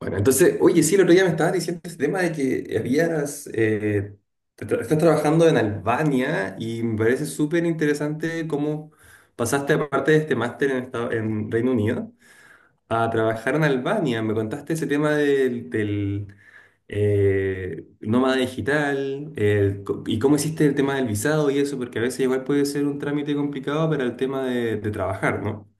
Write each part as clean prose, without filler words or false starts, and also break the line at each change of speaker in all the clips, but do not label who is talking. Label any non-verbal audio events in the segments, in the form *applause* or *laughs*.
Bueno, entonces, oye, sí, el otro día me estabas diciendo ese tema de que habías, estás trabajando en Albania y me parece súper interesante cómo pasaste, aparte de este máster en Reino Unido, a trabajar en Albania. Me contaste ese tema del nómada digital y cómo hiciste el tema del visado y eso, porque a veces igual puede ser un trámite complicado para el tema de trabajar, ¿no?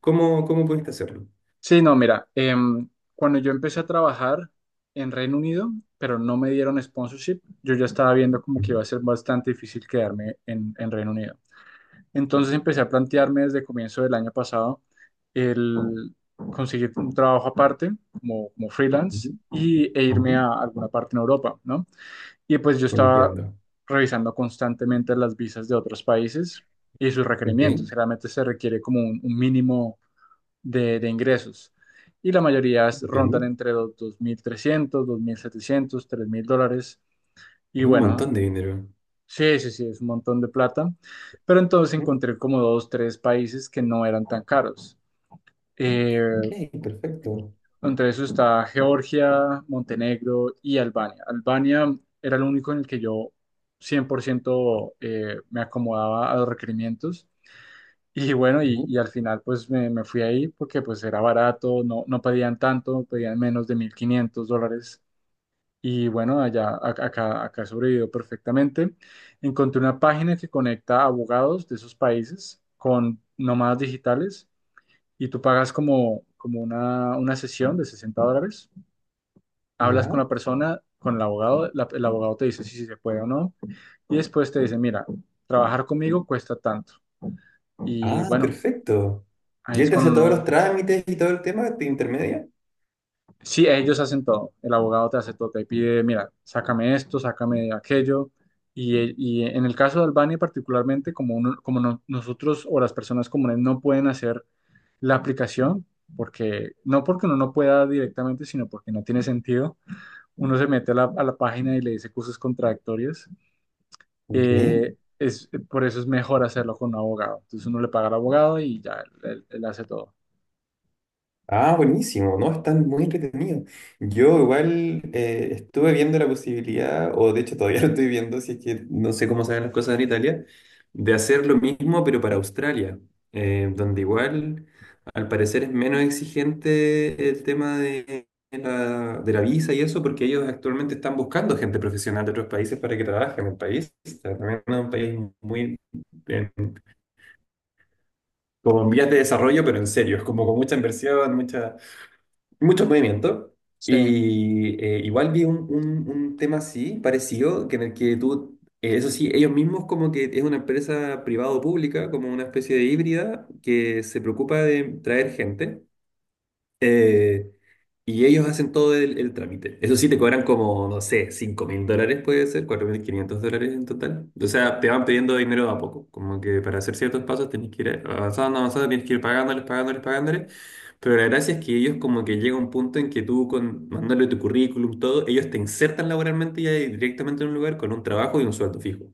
¿Cómo pudiste hacerlo?
Sí, no, mira, cuando yo empecé a trabajar en Reino Unido, pero no me dieron sponsorship. Yo ya estaba viendo como que
Ujú,
iba a ser bastante difícil quedarme en Reino Unido. Entonces empecé a plantearme desde comienzo del año pasado el conseguir un trabajo aparte como
ujú,
freelance e
ujú.
irme a alguna parte en Europa, ¿no? Y pues yo estaba
Entiendo.
revisando constantemente las visas de otros países y sus
Ok,
requerimientos. Generalmente se requiere como un mínimo de ingresos, y la mayoría
entiendo.
rondan entre los 2.300, 2.700, 3.000 dólares. Y
Es un
bueno,
montón de dinero.
sí, sí, sí, es un montón de plata. Pero entonces
Mm,
encontré como dos, tres países que no eran tan caros. Eh,
ok, perfecto.
entre eso está Georgia, Montenegro y Albania. Albania era el único en el que yo 100% me acomodaba a los requerimientos. Y bueno,
Ujú,
y al final pues me fui ahí porque pues era barato, no, no pedían tanto, pedían menos de 1.500 dólares. Y bueno, allá, acá, acá sobrevivió perfectamente. Encontré una página que conecta abogados de esos países con nómadas digitales, y tú pagas como una sesión de 60 dólares. Hablas con
ya.
la persona, con el abogado. El abogado te dice si, si se puede o no. Y después te dice, mira, trabajar conmigo cuesta tanto. Y
Ah,
bueno,
perfecto.
ahí
¿Y él
es
te
cuando
hace todos los
uno...
trámites y todo el tema de intermedia?
Sí, ellos hacen todo. El abogado te hace todo. Te pide, mira, sácame esto, sácame aquello. Y en el caso de Albania particularmente, como, como nosotros o las personas comunes no pueden hacer la aplicación, porque no porque uno no pueda directamente, sino porque no tiene sentido. Uno se mete a a la página y le dice cosas contradictorias.
Ok.
Es, por eso es mejor hacerlo con un abogado. Entonces uno le paga al abogado y ya, él hace todo.
Ah, buenísimo, ¿no? Están muy entretenidos. Yo igual estuve viendo la posibilidad, o de hecho todavía *laughs* lo estoy viendo, si es que no sé cómo se las cosas en Italia, de hacer lo mismo pero para Australia, donde igual al parecer es menos exigente el tema de de la visa y eso, porque ellos actualmente están buscando gente profesional de otros países para que trabaje en el país. O sea, también es un país muy, en- como en vías de desarrollo, pero en serio, es como con mucha inversión, mucha... mucho movimiento.
Sí.
Y igual vi un tema así, parecido, que en el que tú, eso sí, ellos mismos como que es una empresa privada o pública, como una especie de híbrida que se preocupa de traer gente. Eh, y ellos hacen todo el trámite. Eso sí, te cobran como, no sé, 5 mil dólares puede ser, 4.500 dólares en total. O sea, te van pidiendo dinero de a poco. Como que para hacer ciertos pasos tenés que ir avanzando, avanzando, tienes que ir pagándoles, pagándoles, pagándoles. Pero la gracia es que ellos como que llega un punto en que tú con, mandándole tu currículum, todo, ellos te insertan laboralmente ya directamente en un lugar con un trabajo y un sueldo fijo.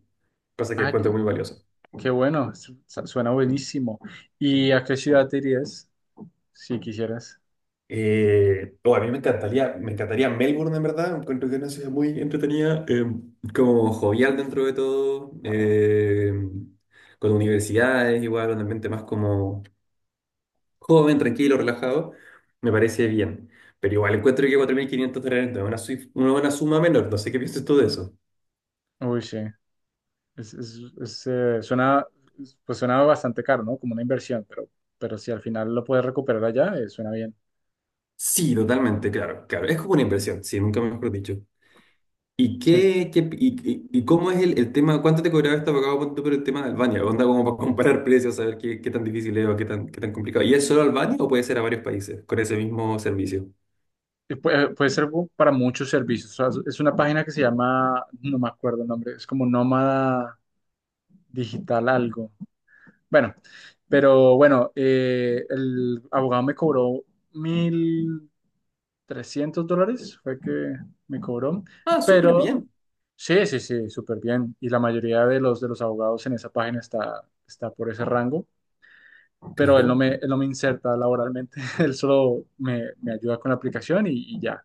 Cosa que
Ah,
encuentro muy valiosa.
qué bueno, suena buenísimo. ¿Y a qué ciudad te irías si quisieras?
Oh, a mí me encantaría Melbourne, en verdad. Encuentro que es una ciudad muy entretenida, como jovial dentro de todo, con universidades, igual, un ambiente más como joven, tranquilo, relajado. Me parece bien. Pero igual encuentro que 4.500 dólares no es una, una buena suma menor. No sé qué piensas tú de eso.
Uy, sí, es, es, suena, pues suena bastante caro, ¿no? Como una inversión, pero si al final lo puedes recuperar allá, suena bien.
Sí, totalmente, claro, claro. Es como una inversión, sí, nunca mejor dicho.
Sí,
¿Y cómo es el tema? ¿Cuánto te cobraba este abogado punto por el tema de Albania? Onda como para comparar precios, saber qué tan difícil es o qué tan complicado. ¿Y es solo Albania o puede ser a varios países con ese mismo servicio?
y puede, puede ser para muchos servicios. O sea, es una página que se llama, no me acuerdo el nombre, es como Nómada Digital algo. Bueno, pero bueno, el abogado me cobró mil trescientos dólares fue que me cobró,
Ah, súper
pero
bien.
sí, sí, sí, súper bien. Y la mayoría de de los abogados en esa página está por ese rango, pero
Claro.
él no me inserta laboralmente, *laughs* él solo me ayuda con la aplicación y ya.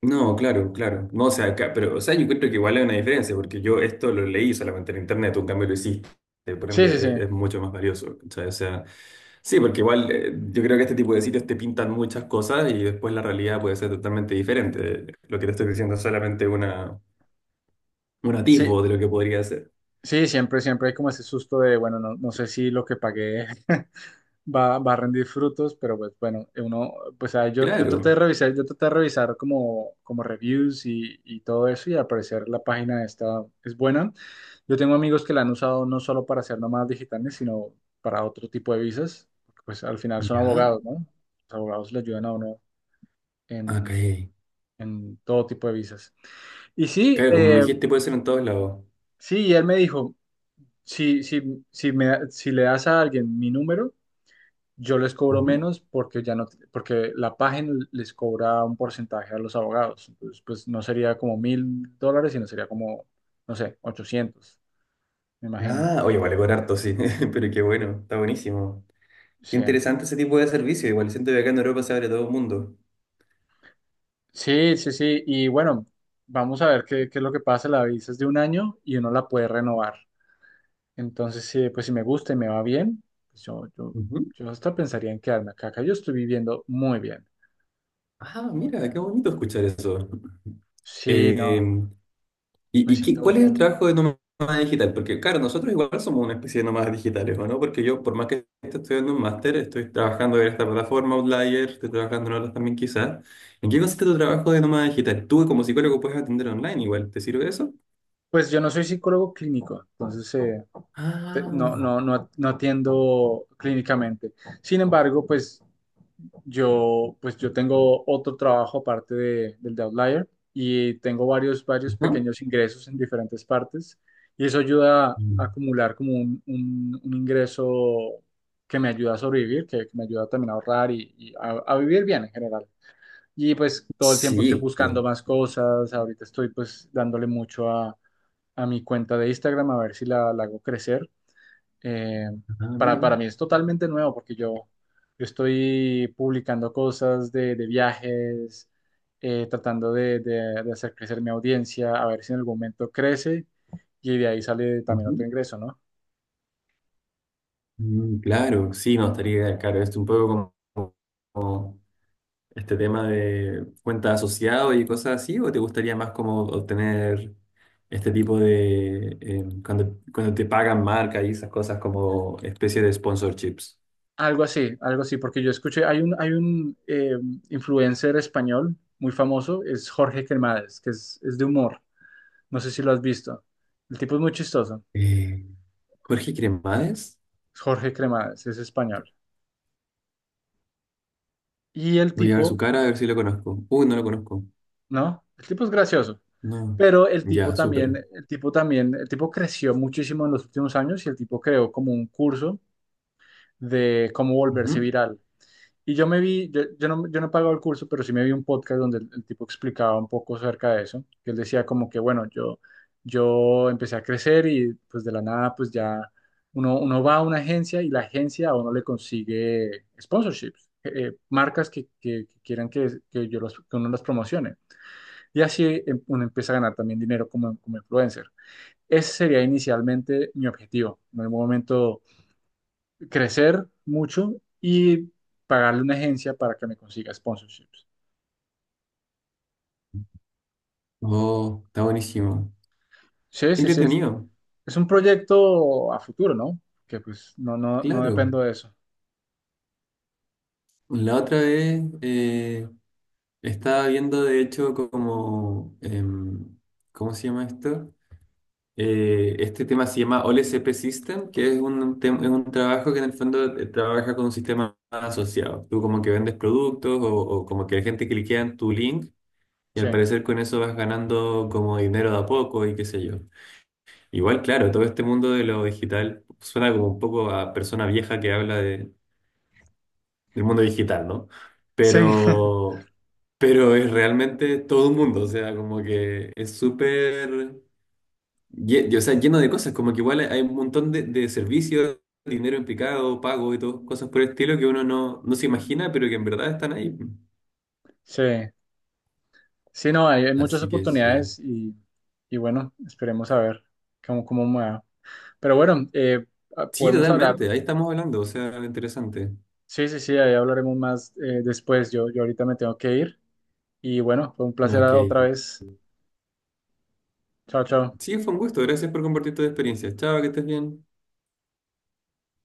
No, claro, claro. No, o sea, pero, o sea, yo creo que igual hay una diferencia, porque yo esto lo leí solamente en internet, tú en cambio lo hiciste, por
Sí, sí, sí,
ende es mucho más valioso, ¿cachai? O sea, sí, porque igual yo creo que este tipo de sitios te pintan muchas cosas y después la realidad puede ser totalmente diferente. Lo que te estoy diciendo es solamente una, un atisbo
sí,
de lo que podría ser.
sí, siempre, siempre hay como ese susto de, bueno, no, no sé si lo que pagué *laughs* va, va a rendir frutos, pero pues bueno, uno, pues yo, yo traté de
Claro.
revisar, yo traté de revisar como reviews y todo eso, y al parecer la página esta es buena. Yo tengo amigos que la han usado no solo para hacer nómadas digitales, sino para otro tipo de visas, porque pues al final son
Ya.
abogados, ¿no? Los abogados le ayudan a uno
Ok.
en, en todo tipo de visas. Y sí,
Claro, como me
eh,
dijiste, puede ser en todos lados.
sí, y él me dijo, si, si, si le das a alguien mi número, yo les cobro
Ujú.
menos porque ya no, porque la página les cobra un porcentaje a los abogados. Entonces, pues no sería como 1.000 dólares, sino sería como, no sé, 800 me imagino.
Ah, oye, vale, cobrar harto, sí, *laughs* pero qué bueno, está buenísimo. Qué
Sí,
interesante ese tipo de servicio. Igual siento que acá en Europa se abre todo el mundo.
sí, sí, sí. Y bueno, vamos a ver qué, qué es lo que pasa. La visa es de un año y uno la puede renovar. Entonces, sí, pues si me gusta y me va bien, pues yo, yo,
Ujú.
yo hasta pensaría en quedarme acá. Acá yo estoy viviendo muy bien,
Ah,
muy
mira, qué
bien.
bonito escuchar eso.
Sí,
Eh,
no, me siento muy
¿cuál es el
bien.
trabajo de nómada digital? Porque, claro, nosotros igual somos una especie de nómadas digitales, ¿o no? Porque yo, por más que esté estudiando un máster, estoy trabajando en esta plataforma Outlier, estoy trabajando en otras también quizás. ¿En qué consiste tu trabajo de nómada digital? Tú como psicólogo puedes atender online igual, ¿te sirve eso?
Pues yo no soy psicólogo clínico, entonces
Ah,
no, no, no, no atiendo clínicamente. Sin embargo, pues yo tengo otro trabajo aparte del de Outlier, y tengo varios, varios
ajá.
pequeños ingresos en diferentes partes, y eso ayuda a acumular como un, un ingreso que me ayuda a sobrevivir, que me ayuda también a ahorrar y a vivir bien en general. Y pues todo el tiempo estoy
Sí.
buscando más cosas. Ahorita estoy pues dándole mucho a mi cuenta de Instagram a ver si la hago crecer. eh,
Ah,
para,
mira.
para mí es totalmente nuevo porque yo estoy publicando cosas de viajes, tratando de, de hacer crecer mi audiencia, a ver si en algún momento crece y de ahí sale también
Ujú.
otro ingreso, ¿no?
Mm, claro, sí, no, estaría ideal, claro, es un poco como, como este tema de cuenta asociado y cosas así, ¿o te gustaría más como obtener este tipo de, cuando, cuando te pagan marca y esas cosas como especie de sponsorships?
Algo así, porque yo escuché, hay un influencer español muy famoso, es Jorge Cremades, que es de humor, no sé si lo has visto. El tipo es muy chistoso.
Eh, Jorge Cremades,
Jorge Cremades, es español. Y el
voy a ver
tipo,
su cara a ver si lo conozco. Uy, no lo conozco.
¿no? El tipo es gracioso.
No.
Pero el tipo
Ya,
también,
súper.
el tipo también, el tipo creció muchísimo en los últimos años, y el tipo creó como un curso de cómo volverse
Ujú.
viral. Y yo me vi, yo no, yo no he pagado el curso, pero sí me vi un podcast donde el tipo explicaba un poco acerca de eso. Que él decía como que, bueno, yo empecé a crecer y pues de la nada, pues ya uno, uno va a una agencia y la agencia a uno le consigue sponsorships. Marcas que, que quieran que yo los, que uno las promocione, y así uno empieza a ganar también dinero como, como influencer. Ese sería inicialmente mi objetivo, en algún momento crecer mucho y pagarle una agencia para que me consiga sponsorships.
Oh, está buenísimo.
Sí,
Qué
sí, sí,
entretenido.
es un proyecto a futuro, ¿no? Que pues no, no, no
Claro.
dependo de eso.
La otra vez, estaba viendo, de hecho, como, em, ¿cómo se llama esto? Este tema se llama OLSP System, que es es un trabajo que en el fondo trabaja con un sistema asociado. Tú como que vendes productos o como que la gente cliquea en tu link y
Sí,
al parecer con eso vas ganando como dinero de a poco y qué sé yo. Igual, claro, todo este mundo de lo digital suena como un poco a persona vieja que habla de, el mundo digital, ¿no?
sí, *laughs*
Pero, pero es realmente todo un mundo, o sea, como que es súper, o sea, lleno de cosas, como que igual hay un montón de servicios, dinero implicado, pago y todo, cosas por el estilo que uno no, no se imagina, pero que en verdad están ahí. Pues.
sí, sí, no, hay muchas
Así que sí.
oportunidades y bueno, esperemos a ver cómo, cómo me va. Pero bueno,
Sí,
podemos hablar...
totalmente, ahí estamos hablando, o sea, interesante.
Sí, sí, sí, ahí hablaremos más después. Yo ahorita me tengo que ir. Y bueno, fue un placer
Ok.
otra vez. Chao, chao.
Sí, fue un gusto, gracias por compartir tu experiencia. Chao, que estés bien.